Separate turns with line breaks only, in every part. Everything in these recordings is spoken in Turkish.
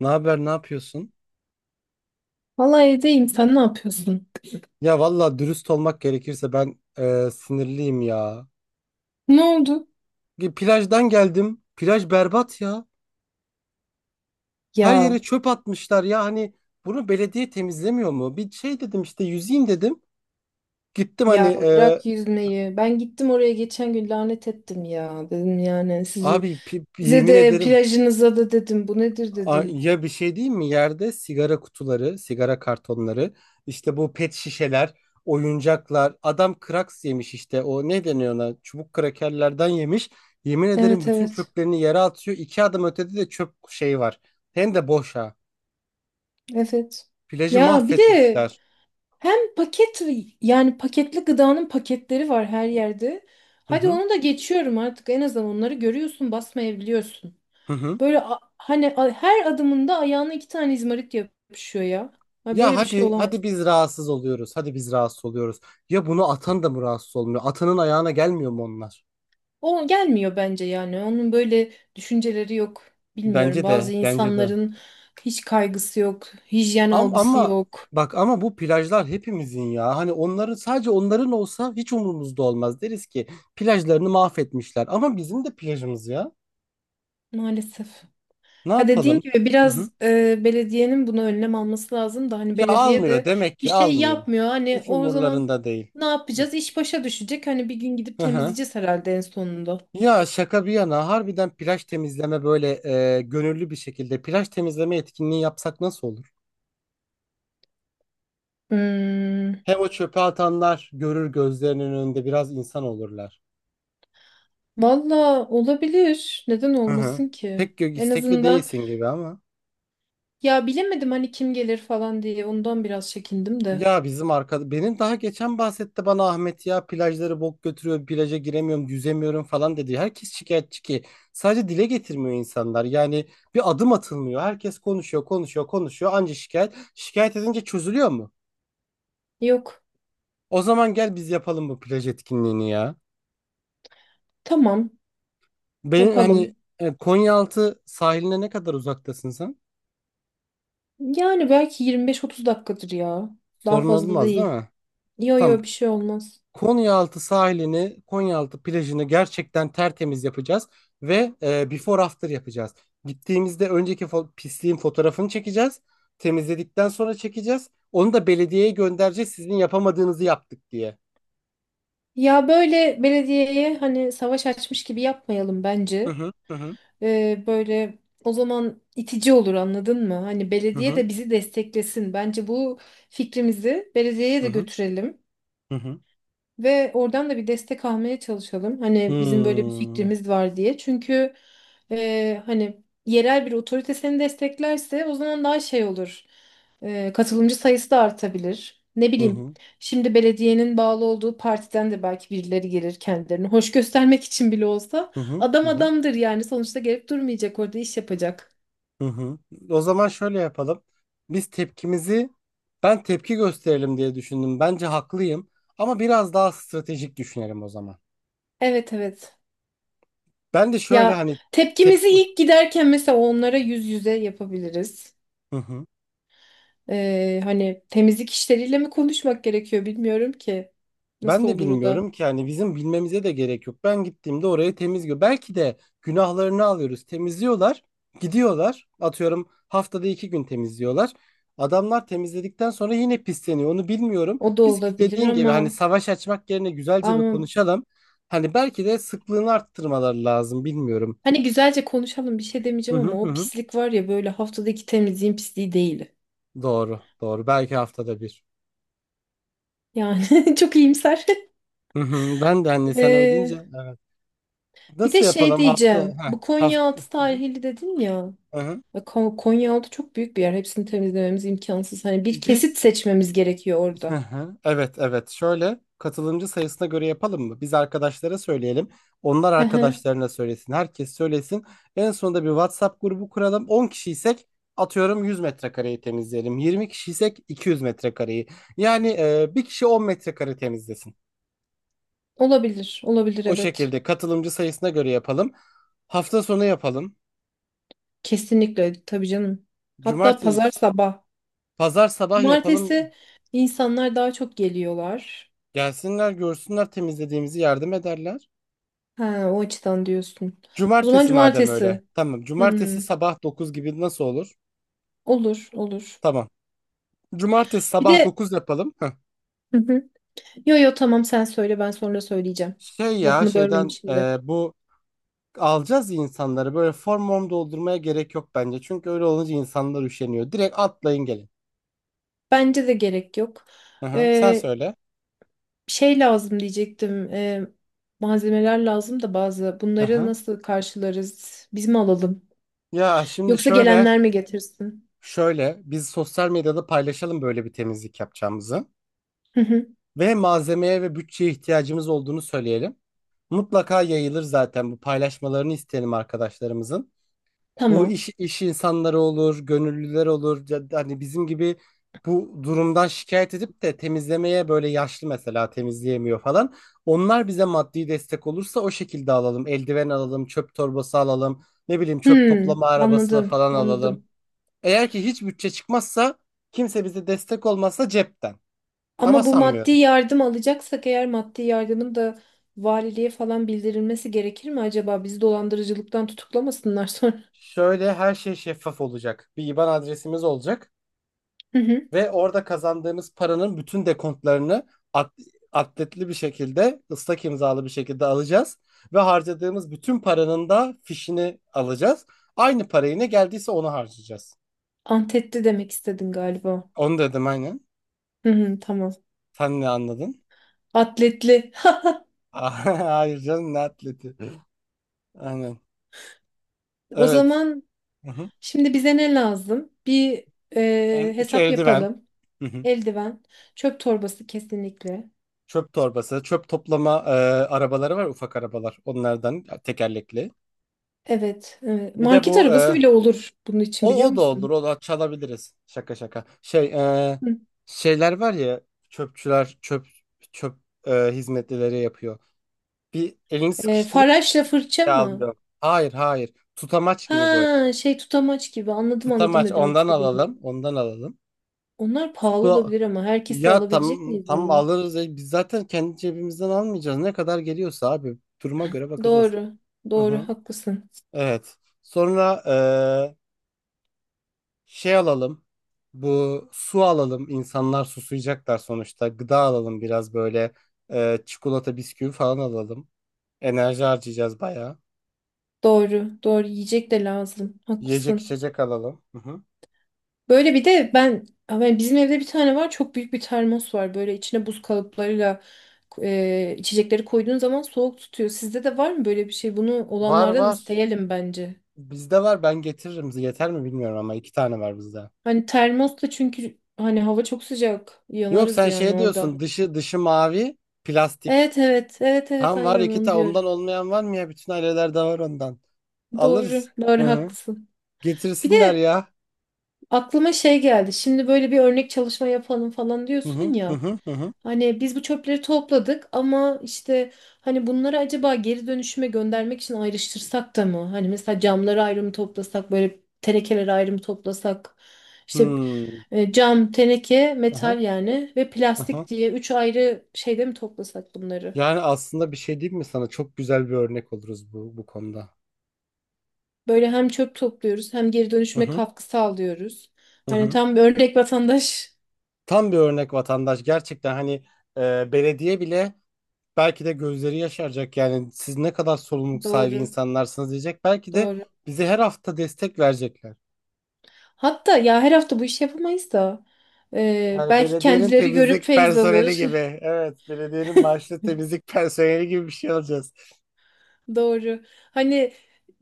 Ne haber, ne yapıyorsun?
Valla evdeyim. Sen ne yapıyorsun?
Ya valla dürüst olmak gerekirse ben sinirliyim ya.
Ne oldu?
Plajdan geldim. Plaj berbat ya. Her
Ya
yere çöp atmışlar ya. Hani bunu belediye temizlemiyor mu? Bir şey dedim işte yüzeyim dedim. Gittim hani
ya bırak yüzmeyi. Ben gittim oraya geçen gün lanet ettim ya. Dedim yani sizi,
abi
size
yemin
de
ederim.
plajınıza da dedim. Bu nedir dedim.
Ya bir şey değil mi? Yerde sigara kutuları, sigara kartonları, işte bu pet şişeler, oyuncaklar. Adam kraks yemiş işte. O ne deniyor ona? Çubuk krakerlerden yemiş. Yemin ederim
Evet
bütün
evet.
çöplerini yere atıyor. İki adım ötede de çöp şey var. Hem de boş ha.
Evet.
Plajı
Ya bir de
mahvetmişler.
hem paket yani paketli gıdanın paketleri var her yerde.
Hı
Hadi
hı.
onu da geçiyorum artık. En azından onları görüyorsun, basmayabiliyorsun.
Hı hı.
Böyle her adımında ayağına iki tane izmarit yapışıyor ya. Ha,
Ya
böyle bir şey
hadi
olamaz.
hadi biz rahatsız oluyoruz. Hadi biz rahatsız oluyoruz. Ya bunu atan da mı rahatsız olmuyor? Atanın ayağına gelmiyor mu onlar?
O gelmiyor bence yani. Onun böyle düşünceleri yok.
Bence
Bilmiyorum.
de,
Bazı
bence de.
insanların hiç kaygısı yok, hijyen algısı
Ama,
yok.
bak ama bu plajlar hepimizin ya. Hani onların sadece onların olsa hiç umurumuzda olmaz. Deriz ki plajlarını mahvetmişler. Ama bizim de plajımız ya.
Maalesef.
Ne
Ha, dediğin
yapalım?
gibi
Hı hı.
biraz belediyenin buna önlem alması lazım da hani
Ya
belediye
almıyor
de
demek
bir
ki
şey
almıyor.
yapmıyor. Hani
Hiç
o zaman
umurlarında değil.
ne
Hı
yapacağız? İş başa düşecek. Hani bir gün gidip
hı. Hı.
temizleyeceğiz herhalde en sonunda.
Ya şaka bir yana harbiden plaj temizleme böyle gönüllü bir şekilde plaj temizleme etkinliği yapsak nasıl olur?
Hmm,
Hem o çöpe atanlar görür gözlerinin önünde biraz insan olurlar.
valla olabilir. Neden
Hı hı.
olmasın ki?
Pek
En
istekli
azından
değilsin gibi ama.
ya bilemedim hani kim gelir falan diye ondan biraz çekindim de.
Ya bizim arkada benim daha geçen bahsetti bana Ahmet ya plajları bok götürüyor plaja giremiyorum yüzemiyorum falan dedi. Herkes şikayetçi ki sadece dile getirmiyor insanlar yani bir adım atılmıyor. Herkes konuşuyor konuşuyor konuşuyor anca şikayet şikayet edince çözülüyor mu?
Yok.
O zaman gel biz yapalım bu plaj etkinliğini ya.
Tamam,
Benim hani
yapalım.
Konyaaltı sahiline ne kadar uzaktasın sen?
Yani belki 25-30 dakikadır ya. Daha
Sorun
fazla
olmaz değil
değil.
mi?
Yo
Tamam.
yo, bir şey olmaz.
Konyaaltı sahilini, Konyaaltı plajını gerçekten tertemiz yapacağız ve before after yapacağız. Gittiğimizde önceki pisliğin fotoğrafını çekeceğiz. Temizledikten sonra çekeceğiz. Onu da belediyeye göndereceğiz sizin yapamadığınızı yaptık diye.
Ya böyle belediyeye hani savaş açmış gibi yapmayalım
Hı
bence.
hı. Hı hı.
Böyle o zaman itici olur, anladın mı? Hani
Hı
belediye
hı.
de bizi desteklesin. Bence bu fikrimizi belediyeye
Hı
de
hı.
götürelim.
Hı hı.
Ve oradan da bir destek almaya çalışalım. Hani bizim böyle bir
Hmm,
fikrimiz var diye. Çünkü hani yerel bir otorite seni desteklerse o zaman daha şey olur. Katılımcı sayısı da artabilir. Ne
hı
bileyim.
hı.
Şimdi belediyenin bağlı olduğu partiden de belki birileri gelir kendilerini hoş göstermek için bile olsa.
Hı hı.
Adam
Hı hı,
adamdır yani. Sonuçta gelip durmayacak, orada iş yapacak.
hı hı. O zaman şöyle yapalım. Biz tepkimizi Ben tepki gösterelim diye düşündüm. Bence haklıyım ama biraz daha stratejik düşünelim o zaman.
Evet evet.
Ben de şöyle
Ya
hani tep
tepkimizi ilk giderken mesela onlara yüz yüze yapabiliriz.
Hı hı.
Hani temizlik işleriyle mi konuşmak gerekiyor bilmiyorum ki.
Ben
Nasıl
de
olur o da?
bilmiyorum ki yani bizim bilmemize de gerek yok. Ben gittiğimde orayı temiz, belki de günahlarını alıyoruz. Temizliyorlar, gidiyorlar. Atıyorum haftada iki gün temizliyorlar. Adamlar temizledikten sonra yine pisleniyor. Onu bilmiyorum.
O da
Biz
olabilir
dediğin gibi hani
ama
savaş açmak yerine güzelce bir
ama
konuşalım. Hani belki de sıklığını arttırmaları lazım. Bilmiyorum.
hani güzelce konuşalım, bir şey
Hı
demeyeceğim
hı
ama
hı.
o
Hı.
pislik var ya, böyle haftadaki temizliğin pisliği değil.
Doğru, doğru. Belki haftada bir.
Yani çok iyimser.
Hı hı. Ben de hani sen öyle
Ee,
deyince.
Bir de
Nasıl
şey
yapalım hafta
diyeceğim.
heh,
Bu
hafta.
Konyaaltı sahili dedin ya.
Hı hı.
Ya Konyaaltı çok büyük bir yer. Hepsini temizlememiz imkansız. Hani bir
Biz,
kesit seçmemiz gerekiyor
hı
orada.
hı, evet evet şöyle katılımcı sayısına göre yapalım mı? Biz arkadaşlara söyleyelim. Onlar
Hı hı.
arkadaşlarına söylesin. Herkes söylesin. En sonunda bir WhatsApp grubu kuralım. 10 kişiysek atıyorum 100 metrekareyi temizleyelim. 20 kişiysek 200 metrekareyi. Yani bir kişi 10 metrekare temizlesin.
Olabilir. Olabilir
O
evet.
şekilde katılımcı sayısına göre yapalım. Hafta sonu yapalım.
Kesinlikle tabii canım. Hatta pazar
Cumartesi,
sabah.
pazar sabah yapalım.
Cumartesi insanlar daha çok geliyorlar.
Gelsinler görsünler temizlediğimizi yardım ederler.
Ha, o açıdan diyorsun. O zaman
Cumartesi madem öyle.
cumartesi.
Tamam. Cumartesi
Hmm,
sabah 9 gibi nasıl olur?
olur olur.
Tamam. Cumartesi
Bir
sabah
de.
9 yapalım. Heh.
Hı hı. Yo yo, tamam, sen söyle, ben sonra söyleyeceğim.
Şey ya
Lafını bölmeyeyim
şeyden
şimdi.
bu alacağız ya insanları böyle form form doldurmaya gerek yok bence. Çünkü öyle olunca insanlar üşeniyor. Direkt atlayın gelin.
Bence de gerek yok.
Hı hı. Sen
Ee,
söyle.
Şey lazım diyecektim. Malzemeler lazım da bazı.
Hı
Bunları
hı.
nasıl karşılarız? Biz mi alalım?
Ya şimdi
Yoksa
şöyle
gelenler mi getirsin?
şöyle biz sosyal medyada paylaşalım böyle bir temizlik yapacağımızı.
Hı hı.
Ve malzemeye ve bütçeye ihtiyacımız olduğunu söyleyelim. Mutlaka yayılır zaten, bu paylaşmalarını isteyelim arkadaşlarımızın. Bu
Tamam.
iş insanları olur, gönüllüler olur. Ya da hani bizim gibi bu durumdan şikayet edip de temizlemeye böyle yaşlı mesela temizleyemiyor falan. Onlar bize maddi destek olursa o şekilde alalım. Eldiven alalım, çöp torbası alalım, ne bileyim çöp
Hmm,
toplama arabası
anladım,
falan alalım.
anladım.
Eğer ki hiç bütçe çıkmazsa kimse bize destek olmazsa cepten. Ama
Ama bu maddi
sanmıyorum.
yardım alacaksak, eğer maddi yardımın da valiliğe falan bildirilmesi gerekir mi acaba? Bizi dolandırıcılıktan tutuklamasınlar sonra.
Şöyle her şey şeffaf olacak. Bir IBAN adresimiz olacak
Hı hı.
ve orada kazandığımız paranın bütün dekontlarını at- atletli bir şekilde, ıslak imzalı bir şekilde alacağız ve harcadığımız bütün paranın da fişini alacağız. Aynı parayı ne geldiyse onu harcayacağız.
Antetli demek istedin galiba.
Onu dedim aynen.
Hı hı, tamam.
Sen ne anladın?
Atletli.
Hayır canım, ne atleti. Aynen.
O
Evet.
zaman
Hı hı.
şimdi bize ne lazım? Bir hesap
Eldiven.
yapalım.
Hı hı.
Eldiven, çöp torbası kesinlikle.
Çöp torbası, çöp toplama arabaları var, ufak arabalar. Onlardan, tekerlekli.
Evet, evet.
Bir de
Market
bu
arabası bile olur bunun için,
o
biliyor
o da olur.
musun?
O da çalabiliriz. Şaka şaka. Şey e,
Hı.
şeyler var ya, çöpçüler çöp çöp hizmetlileri yapıyor. Bir elini sıkıştırıyor
Faraşla fırça
bir
mı?
alıyor. Hayır hayır. Tutamaç gibi böyle.
Ha, şey tutamaç gibi, anladım anladım
Tutamaç,
ne demek
ondan
istediğini.
alalım. Ondan alalım.
Onlar pahalı
Bu
olabilir ama herkese
ya,
alabilecek
tam
miyiz
tam
onu?
alırız. E, biz zaten kendi cebimizden almayacağız. Ne kadar geliyorsa abi duruma göre bakacağız.
Doğru.
Hı
Doğru
hı.
haklısın.
Evet. Sonra şey alalım. Bu su alalım. İnsanlar susayacaklar sonuçta. Gıda alalım biraz böyle. Çikolata, bisküvi falan alalım. Enerji harcayacağız bayağı.
Doğru. Doğru, yiyecek de lazım.
Yiyecek
Haklısın.
içecek alalım. Hı hı.
Böyle bir de ben, yani bizim evde bir tane var, çok büyük bir termos var. Böyle içine buz kalıplarıyla içecekleri koyduğun zaman soğuk tutuyor. Sizde de var mı böyle bir şey? Bunu
Var
olanlardan
var.
isteyelim bence.
Bizde var. Ben getiririm. Yeter mi bilmiyorum ama iki tane var bizde.
Hani termos da, çünkü hani hava çok sıcak.
Yok
Yanarız
sen
yani
şey
orada.
diyorsun. Dışı mavi, plastik.
Evet evet evet evet,
Tam var
aynen
iki
onu
tane.
diyorum.
Ondan olmayan var mı ya? Bütün ailelerde var ondan.
Doğru
Alırız. Hı
doğru
hı.
haklısın. Bir
Getirsinler
de
ya.
aklıma şey geldi. Şimdi böyle bir örnek çalışma yapalım falan
Hı hı
diyorsun
hı
ya.
hı hı. Hı.
Hani biz bu çöpleri topladık ama işte hani bunları acaba geri dönüşüme göndermek için ayrıştırsak da mı? Hani mesela camları ayrı mı toplasak, böyle tenekeleri ayrı mı toplasak? İşte
Hmm.
cam, teneke,
Aha.
metal yani, ve
Aha.
plastik diye üç ayrı şeyde mi toplasak bunları?
Yani aslında bir şey diyeyim mi sana? Çok güzel bir örnek oluruz bu konuda.
Böyle hem çöp topluyoruz hem geri
Hı
dönüşüme
hı,
katkı sağlıyoruz.
hı
Hani
hı.
tam bir örnek vatandaş.
Tam bir örnek vatandaş. Gerçekten hani belediye bile belki de gözleri yaşaracak. Yani siz ne kadar sorumluluk sahibi
Doğru,
insanlarsınız diyecek. Belki de
doğru.
bize her hafta destek verecekler.
Hatta ya her hafta bu işi yapamayız da
Yani
belki
belediyenin
kendileri görüp
temizlik
feyz
personeli
alır.
gibi. Evet, belediyenin maaşlı temizlik personeli gibi bir şey alacağız.
Doğru. Hani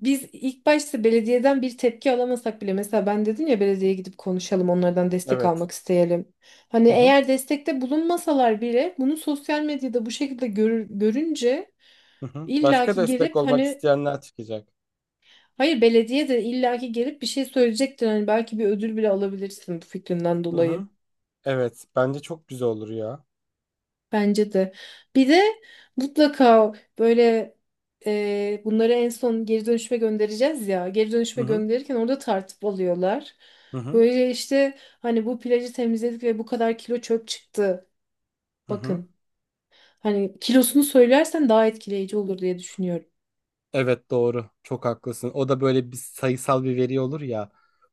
biz ilk başta belediyeden bir tepki alamasak bile, mesela ben dedim ya, belediyeye gidip konuşalım, onlardan destek
Evet.
almak isteyelim. Hani
Hı hı,
eğer destekte bulunmasalar bile bunu sosyal medyada bu şekilde görünce
hı hı. Başka
illaki
destek
gelip
olmak
hani.
isteyenler çıkacak.
Hayır, belediye de illaki gelip bir şey söyleyecektir. Hani belki bir ödül bile alabilirsin bu fikrinden
Hı
dolayı.
hı. Evet, bence çok güzel olur ya.
Bence de. Bir de mutlaka böyle bunları en son geri dönüşüme göndereceğiz ya. Geri
Hı
dönüşüme
hı.
gönderirken orada tartıp alıyorlar.
Hı hı.
Böyle işte hani bu plajı temizledik ve bu kadar kilo çöp çıktı.
Hı hı.
Bakın. Hani kilosunu söylersen daha etkileyici olur diye düşünüyorum.
Evet doğru. Çok haklısın. O da böyle bir sayısal bir veri olur ya.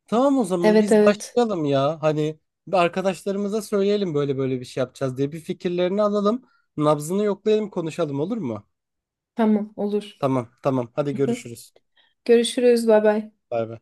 Tamam o zaman
Evet
biz
evet.
başlayalım ya. Hani bir arkadaşlarımıza söyleyelim böyle böyle bir şey yapacağız diye bir fikirlerini alalım. Nabzını yoklayalım konuşalım olur mu?
Tamam, olur.
Tamam tamam. Hadi görüşürüz.
Görüşürüz. Bay bay.
Bay bay.